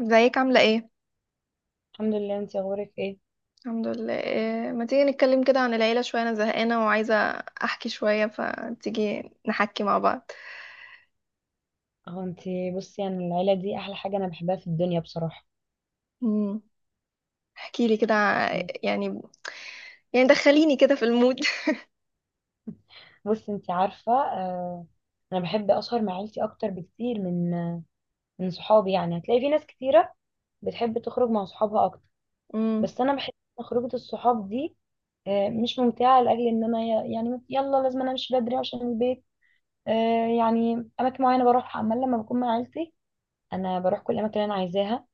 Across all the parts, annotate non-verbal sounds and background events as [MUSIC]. ازيك عاملة ايه؟ الحمد لله، انتي اخبارك ايه؟ الحمد لله. إيه، ما تيجي نتكلم كده عن العيلة شوية؟ انا زهقانة وعايزة احكي شوية، فتيجي نحكي مع بعض. اهو انتي بصي، يعني العيله دي احلى حاجه انا بحبها في الدنيا بصراحه. امم احكي لي كده، يعني، يعني دخليني كده في المود. بصي انتي عارفه، آه انا بحب اسهر مع عيلتي اكتر بكتير من من صحابي. يعني هتلاقي في ناس كتيره بتحب تخرج مع صحابها اكتر، بس [LAUGHS] انا بحس ان خروجه الصحاب دي آه مش ممتعه، لاجل ان انا يعني يلا لازم انا امشي بدري عشان البيت. آه يعني اماكن معينه بروحها، اما لما بكون مع عيلتي انا بروح كل الاماكن اللي انا عايزاها،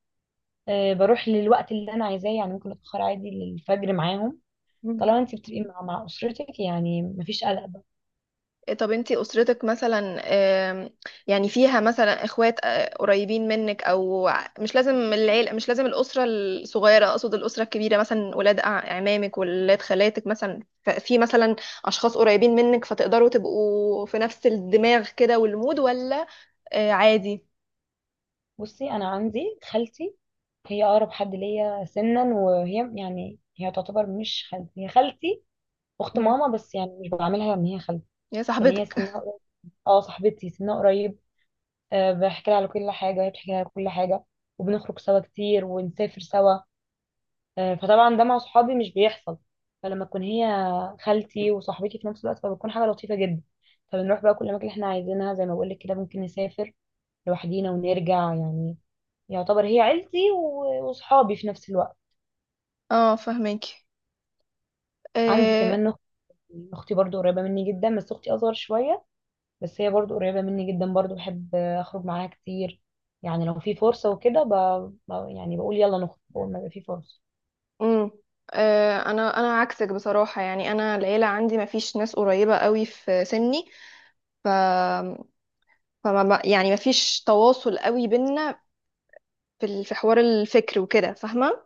آه بروح للوقت اللي انا عايزاه. يعني ممكن اتاخر عادي للفجر معاهم، امم طالما انت بتبقي مع مع اسرتك، يعني مفيش قلق بقى. إيه، طب انتي أسرتك مثلا، يعني فيها مثلا اخوات قريبين منك، او مش لازم العيلة، مش لازم الأسرة الصغيرة، اقصد الأسرة الكبيرة، مثلا ولاد عمامك، ولاد خالاتك مثلا، في مثلا أشخاص قريبين منك، فتقدروا تبقوا في نفس الدماغ كده والمود، ولا؟ آه، عادي. بصي انا عندي خالتي، هي اقرب حد ليا سنا، وهي يعني هي تعتبر مش خالتي، هي خالتي اخت مم. ماما، بس يعني مش بعاملها ان هي خالتي، يا لان هي صاحبتك. سنها [LAUGHS] قريب. اه صاحبتي سنها قريب، أه بحكي لها على كل حاجه وهي بتحكي لها على كل حاجه، وبنخرج سوا كتير، ونسافر سوا. أه فطبعا ده مع صحابي مش بيحصل، فلما تكون هي خالتي وصاحبتي في نفس الوقت، فبتكون حاجه لطيفه جدا. فبنروح بقى كل اماكن احنا عايزينها، زي ما بقول لك كده، ممكن نسافر لوحدينا ونرجع. يعني يعتبر هي عيلتي وصحابي في نفس الوقت. اه، فهماكي. عندي آه. كمان اختي، اختي برضو قريبة مني جدا، بس اختي اصغر شوية، بس هي برضو قريبة مني جدا، برضو بحب اخرج معاها كتير. يعني لو في فرصة وكده يعني بقول يلا نخرج، بقول ما يبقى في فرصة. امم انا عكسك بصراحه، يعني انا العيله عندي ما فيش ناس قريبه قوي في سني، ف فما ما- يعني مفيش تواصل قوي بينا في حوار الفكر وكده، فاهمة؟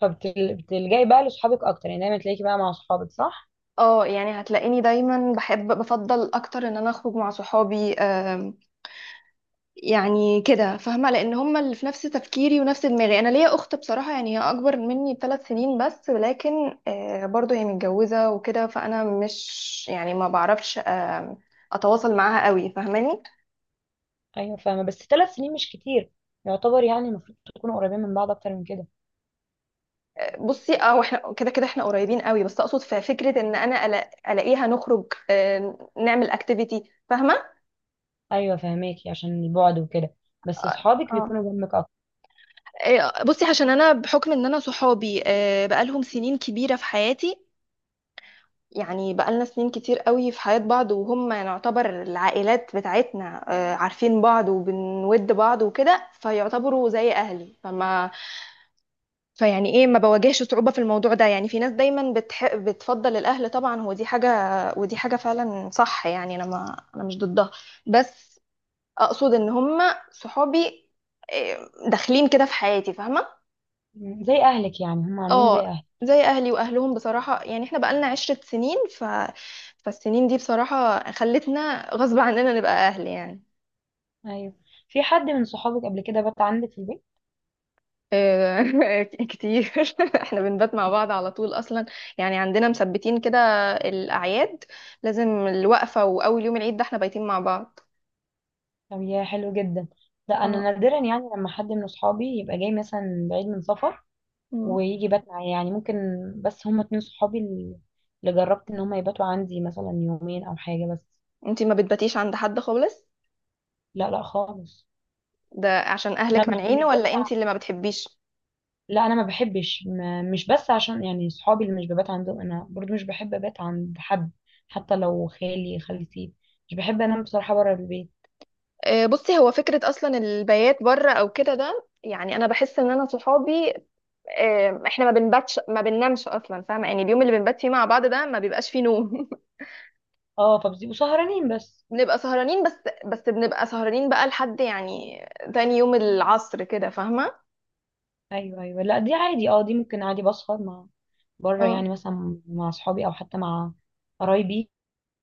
فبتلجأي بقى لصحابك اكتر، يعني دايما تلاقيكي بقى مع صحابك، صح؟ اه، يعني هتلاقيني دايما بحب، بفضل اكتر ان انا اخرج مع صحابي. يعني كده، فاهمة؟ لان هم اللي في نفس تفكيري ونفس دماغي. انا ليا اخت بصراحة، يعني هي اكبر مني ب3 سنين بس، ولكن برضو هي متجوزة وكده، فانا مش يعني ما بعرفش اتواصل معاها قوي، فاهماني؟ ايوه فاهمة، بس 3 سنين مش كتير، يعتبر يعني المفروض تكونوا قريبين من بعض اكتر من كده. بصي اه، واحنا كده كده احنا قريبين قوي، بس اقصد في فكره ان انا الاقيها، نخرج، نعمل اكتيفيتي، فاهمه؟ ايوه فاهماكي، عشان البعد وكده، بس صحابك اه. بيكونوا جنبك اكتر. بصي، عشان انا بحكم ان انا صحابي بقالهم سنين كبيره في حياتي، يعني بقالنا سنين كتير قوي في حياه بعض، وهم نعتبر العائلات بتاعتنا. عارفين بعض وبنود بعض وكده، فيعتبروا زي اهلي. فيعني ايه، ما بواجهش صعوبة في الموضوع ده. يعني في ناس دايما بتفضل الاهل، طبعا هو دي حاجة، ودي حاجة فعلا صح. يعني انا، ما انا مش ضدها، بس اقصد ان هم صحابي، إيه، داخلين كده في حياتي، فاهمة؟ مم. زي اهلك يعني، هم عاملين زي اه، اهلك. زي اهلي واهلهم بصراحة، يعني احنا بقالنا 10 سنين، فالسنين دي بصراحة خلتنا غصب عننا نبقى اهل، يعني، ايوه، في حد من صحابك قبل كده بات عندك في البيت؟ آه. [LAUGHS] كتير. [LAUGHS] احنا بنبات مع بعض على طول اصلا. يعني عندنا مثبتين كده، الاعياد لازم، الوقفه واول يوم العيد ده احنا بايتين مع بعض. طب يا حلو جدا. لا انا اه. نادرا، يعني لما حد من صحابي يبقى جاي مثلا بعيد من سفر مم. ويجي بات معايا، يعني ممكن. بس هم اتنين صحابي اللي جربت ان هم يباتوا عندي مثلا يومين او حاجه بس. انتي ما بتباتيش عند حد خالص؟ لا لا خالص. ده عشان انا اهلك مش مانعين مش ولا بس، انتي اللي ما بتحبيش؟ لا انا ما بحبش، ما مش بس عشان يعني صحابي اللي مش ببات عندهم، انا برضو مش بحب ابات عند حد، حتى لو خالي خالتي، مش بحب انام بصراحه بره البيت. آه، بصي، هو فكره اصلا البيات بره او كده ده، يعني انا بحس ان انا صحابي احنا ما بنباتش، ما بننامش اصلا، فاهمه؟ يعني اليوم اللي بنبات فيه مع بعض ده ما بيبقاش فيه نوم. اه فبتبقوا سهرانين بس. بنبقى سهرانين بس بنبقى سهرانين بقى لحد يعني تاني يوم العصر كده، فاهمة؟ ايوه ايوه، لا دي عادي، اه دي ممكن عادي بسهر مع بره، يعني اه. مثلا مع اصحابي او حتى مع قرايبي،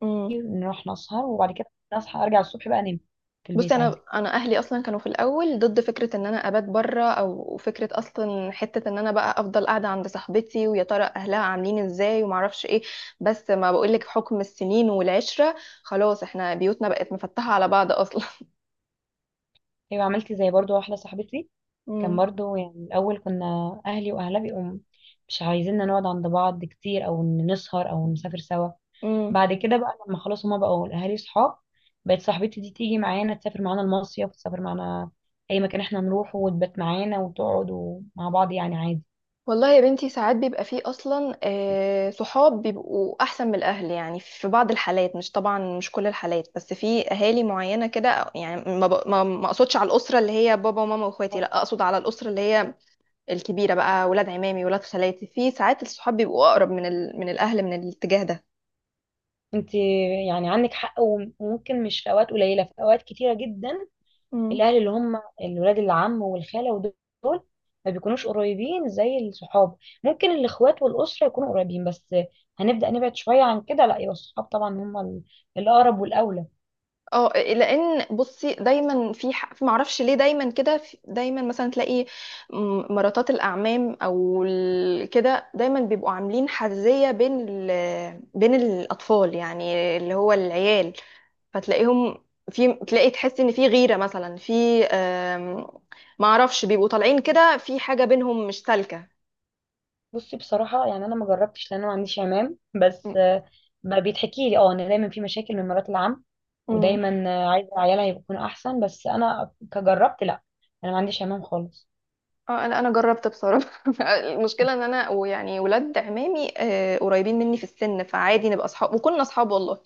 امم نروح نسهر وبعد كده نصحى ارجع الصبح بقى انام في بصي، البيت انا عادي. انا اهلي اصلا كانوا في الاول ضد فكره ان انا ابات بره، او فكره اصلا حته ان انا بقى افضل قاعده عند صاحبتي، ويا ترى اهلها عاملين ازاي، وما اعرفش ايه. بس ما بقولك، حكم السنين والعشره، خلاص احنا بيوتنا بقت مفتحه على بعض اصلا. ايوه عملت زي برضو واحده صاحبتي، كان [LAUGHS] برضو يعني الاول كنا اهلي واهلها بيقوم مش عايزيننا نقعد عند بعض كتير، او إن نسهر او نسافر سوا. امم بعد كده بقى لما خلاص هما بقوا الاهالي صحاب، بقت صاحبتي دي تيجي معانا، تسافر معانا المصيف، تسافر معانا اي مكان احنا نروحه، وتبات معانا وتقعد، ومع بعض يعني عادي. والله يا بنتي، ساعات بيبقى فيه اصلا صحاب بيبقوا احسن من الاهل، يعني في بعض الحالات، مش طبعا مش كل الحالات، بس في اهالي معينه كده. يعني ما اقصدش على الاسره اللي هي بابا وماما واخواتي، لا اقصد على الاسره اللي هي الكبيره بقى، ولاد عمامي ولاد خالاتي، في ساعات الصحاب بيبقوا اقرب من من الاهل من الاتجاه ده. انت يعني عندك حق، وممكن مش في اوقات قليله، في اوقات كتيره جدا مم. الاهل اللي هم الولاد، العم والخاله ودول، ما بيكونوش قريبين زي الصحاب. ممكن الاخوات والاسره يكونوا قريبين، بس هنبدا نبعد شويه عن كده، لا يبقى الصحاب طبعا هم الاقرب والاولى. اه، لان بصي، دايما في، معرفش ليه، دايما كده دايما مثلا تلاقي مراتات الاعمام او كده، دايما بيبقوا عاملين حزيه بين بين الاطفال، يعني اللي هو العيال، فتلاقيهم، في، تلاقي تحس ان في غيره مثلا، في آم، معرفش، بيبقوا طالعين كده في حاجه بينهم مش سالكه. بصي بصراحة، يعني أنا ما جربتش لأن أنا ما عنديش عمام، م- بس آه، ما بيتحكي لي أه إن دايما في مشاكل من مرات العم، م. ودايما آه، عايزة عيالها يكونوا أحسن. بس أنا كجربت لأ، أنا ما عنديش عمام خالص. اه، انا جربت بصراحه. [LAUGHS] المشكله ان انا، ويعني ولاد عمامي قريبين مني في السن، فعادي نبقى اصحاب، وكنا اصحاب والله.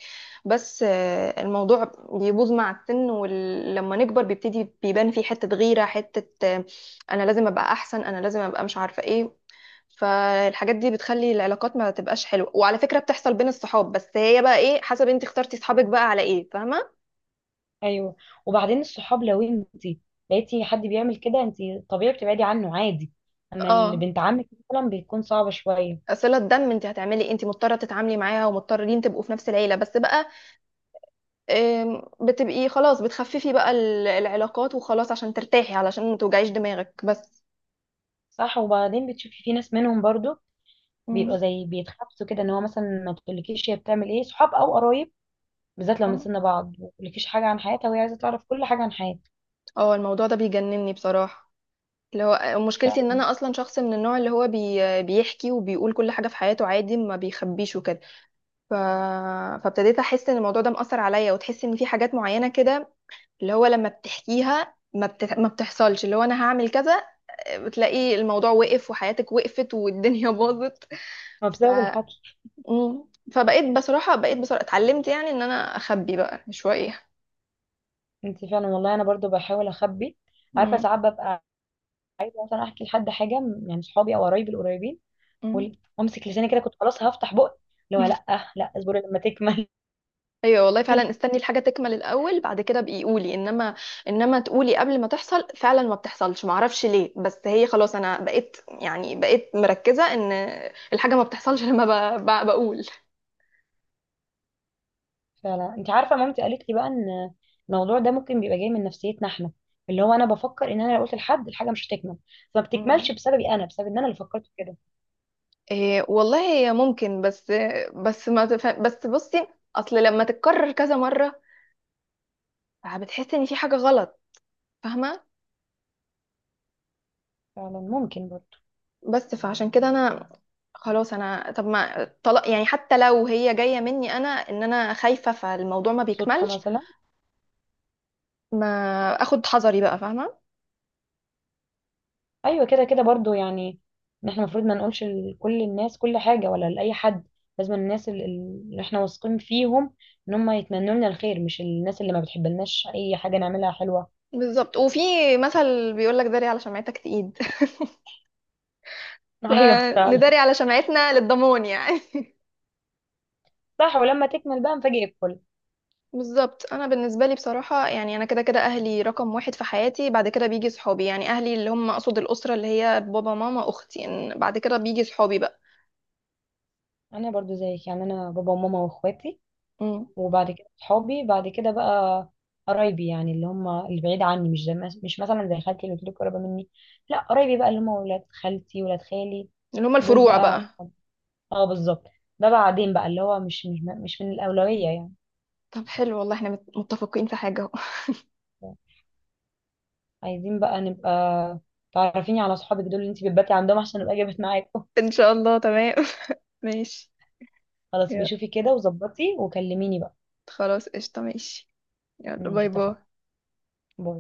بس الموضوع بيبوظ مع السن، ولما نكبر بيبتدي بيبان فيه حته غيره، حته انا لازم ابقى احسن، انا لازم ابقى مش عارفه ايه. فالحاجات دي بتخلي العلاقات ما تبقاش حلوه، وعلى فكره بتحصل بين الصحاب بس، هي بقى ايه، حسب انت اخترتي صحابك بقى على ايه، فاهمه؟ أيوه، وبعدين الصحاب لو أنتي لقيتي حد بيعمل كده، أنتي طبيعي بتبعدي عنه عادي، أما اه، اللي بنت عمك مثلا بتكون صعبة شوية. صله دم، انت هتعملي إيه؟ انت مضطره تتعاملي معاها، ومضطرين تبقوا في نفس العيله بس بقى، بتبقي خلاص بتخففي بقى العلاقات، وخلاص عشان ترتاحي، علشان ما توجعيش دماغك بس. صح، وبعدين بتشوفي في ناس منهم برضو بيبقوا مم. زي بيتخبطوا كده، إن هو مثلا ما تقولكيش هي بتعمل إيه صحاب أو قرايب، بالذات لو من آه. سن بعض، ملكيش حاجة عن حياتها وهي عايزة تعرف كل حاجة عن حياتك. اه، الموضوع ده بيجنني بصراحة، اللي هو مشكلتي ان فعلا، انا اصلا شخص من النوع اللي هو بيحكي وبيقول كل حاجة في حياته عادي، ما بيخبيش وكده. ف... فابتديت احس ان الموضوع ده مأثر عليا، وتحس ان في حاجات معينة كده، اللي هو لما بتحكيها ما بتحصلش، اللي هو انا هعمل كذا، بتلاقي الموضوع وقف وحياتك وقفت والدنيا [LAUGHS] باظت. ما ف بسبب الحكي. مم. فبقيت بصراحة اتعلمت، يعني ان انا اخبي بقى شوية. انت فعلا والله، انا برضو بحاول اخبي. عارفة مم. ساعات ببقى عايزة مثلا احكي لحد حاجة، يعني صحابي او قرايبي القريبين، مم. وامسك لساني كده، كنت خلاص هفتح بقي. اللي هو لا، لا اصبري لما تكمل. ايوه والله فعلا، [LAUGHS] استني الحاجة تكمل الاول، بعد كده بقي قولي. انما تقولي قبل ما تحصل، فعلا ما بتحصلش، معرفش ليه، بس هي خلاص، انا بقيت يعني بقيت مركزة ان الحاجة ما بتحصلش. [LAUGHS] لما بقول. فعلا، انت عارفة مامتي قالت لي بقى ان الموضوع ده ممكن بيبقى جاي من نفسيتنا احنا، اللي هو انا بفكر ان انا لو قلت لحد الحاجة مش هتكمل، فما مم. بتكملش بسببي، انا بسبب ان انا اللي فكرت كده. إيه والله، هي ممكن، بس. بس ما تف... بس بصي، اصل لما تتكرر كذا مرة بتحس ان في حاجة غلط، فاهمة؟ فعلا ممكن برضو، بس فعشان كده انا خلاص، انا طب ما طلاق يعني، حتى لو هي جايه مني انا، ان انا خايفه فالموضوع ما صدفة بيكملش، مثلا. ما اخد حذري بقى، فاهمه؟ ايوه كده كده برضو، يعني ان احنا المفروض ما نقولش لكل الناس كل حاجه، ولا لاي حد، لازم الناس اللي احنا واثقين فيهم ان هم يتمنوا لنا الخير، مش الناس اللي ما بتحبلناش اي حاجه نعملها حلوه. بالظبط. وفي مثل بيقول لك داري على شمعتك تقيد. [LAUGHS] [LAUGHS] ايوه فعلا. فنداري على شمعتنا للضمان، يعني. [LAUGHS] صح، ولما تكمل بقى نفاجئ الكل. بالظبط، انا بالنسبه لي بصراحه، يعني انا كده كده اهلي رقم 1 في حياتي، بعد كده بيجي صحابي. يعني اهلي اللي هم اقصد الاسره اللي هي بابا ماما اختي، إن بعد كده بيجي صحابي بقى. انا برضو زيك، يعني انا بابا وماما واخواتي، مم. وبعد كده صحابي، بعد كده بقى قرايبي، يعني اللي هم اللي بعيد عني، مش زي، مش مثلا زي خالتي اللي قلت لك قريبه مني، لا قرايبي بقى اللي هم ولاد خالتي ولاد خالي، اللي هم دول الفروع بقى. بقى. اه بالظبط، ده بعدين بقى، اللي هو مش من الأولوية يعني. طب حلو والله، احنا متفقين في حاجه. عايزين بقى نبقى، تعرفيني على صحابك دول اللي انت بتباتي عندهم، عشان ابقى جابت معاكم. ان شاء الله، تمام. [LAUGHS] ماشي. خلاص يلا، بشوفي كده وظبطي وكلميني بقى. خلاص قشطة، ماشي. يلا ماشي باي باي. اتفقنا. باي.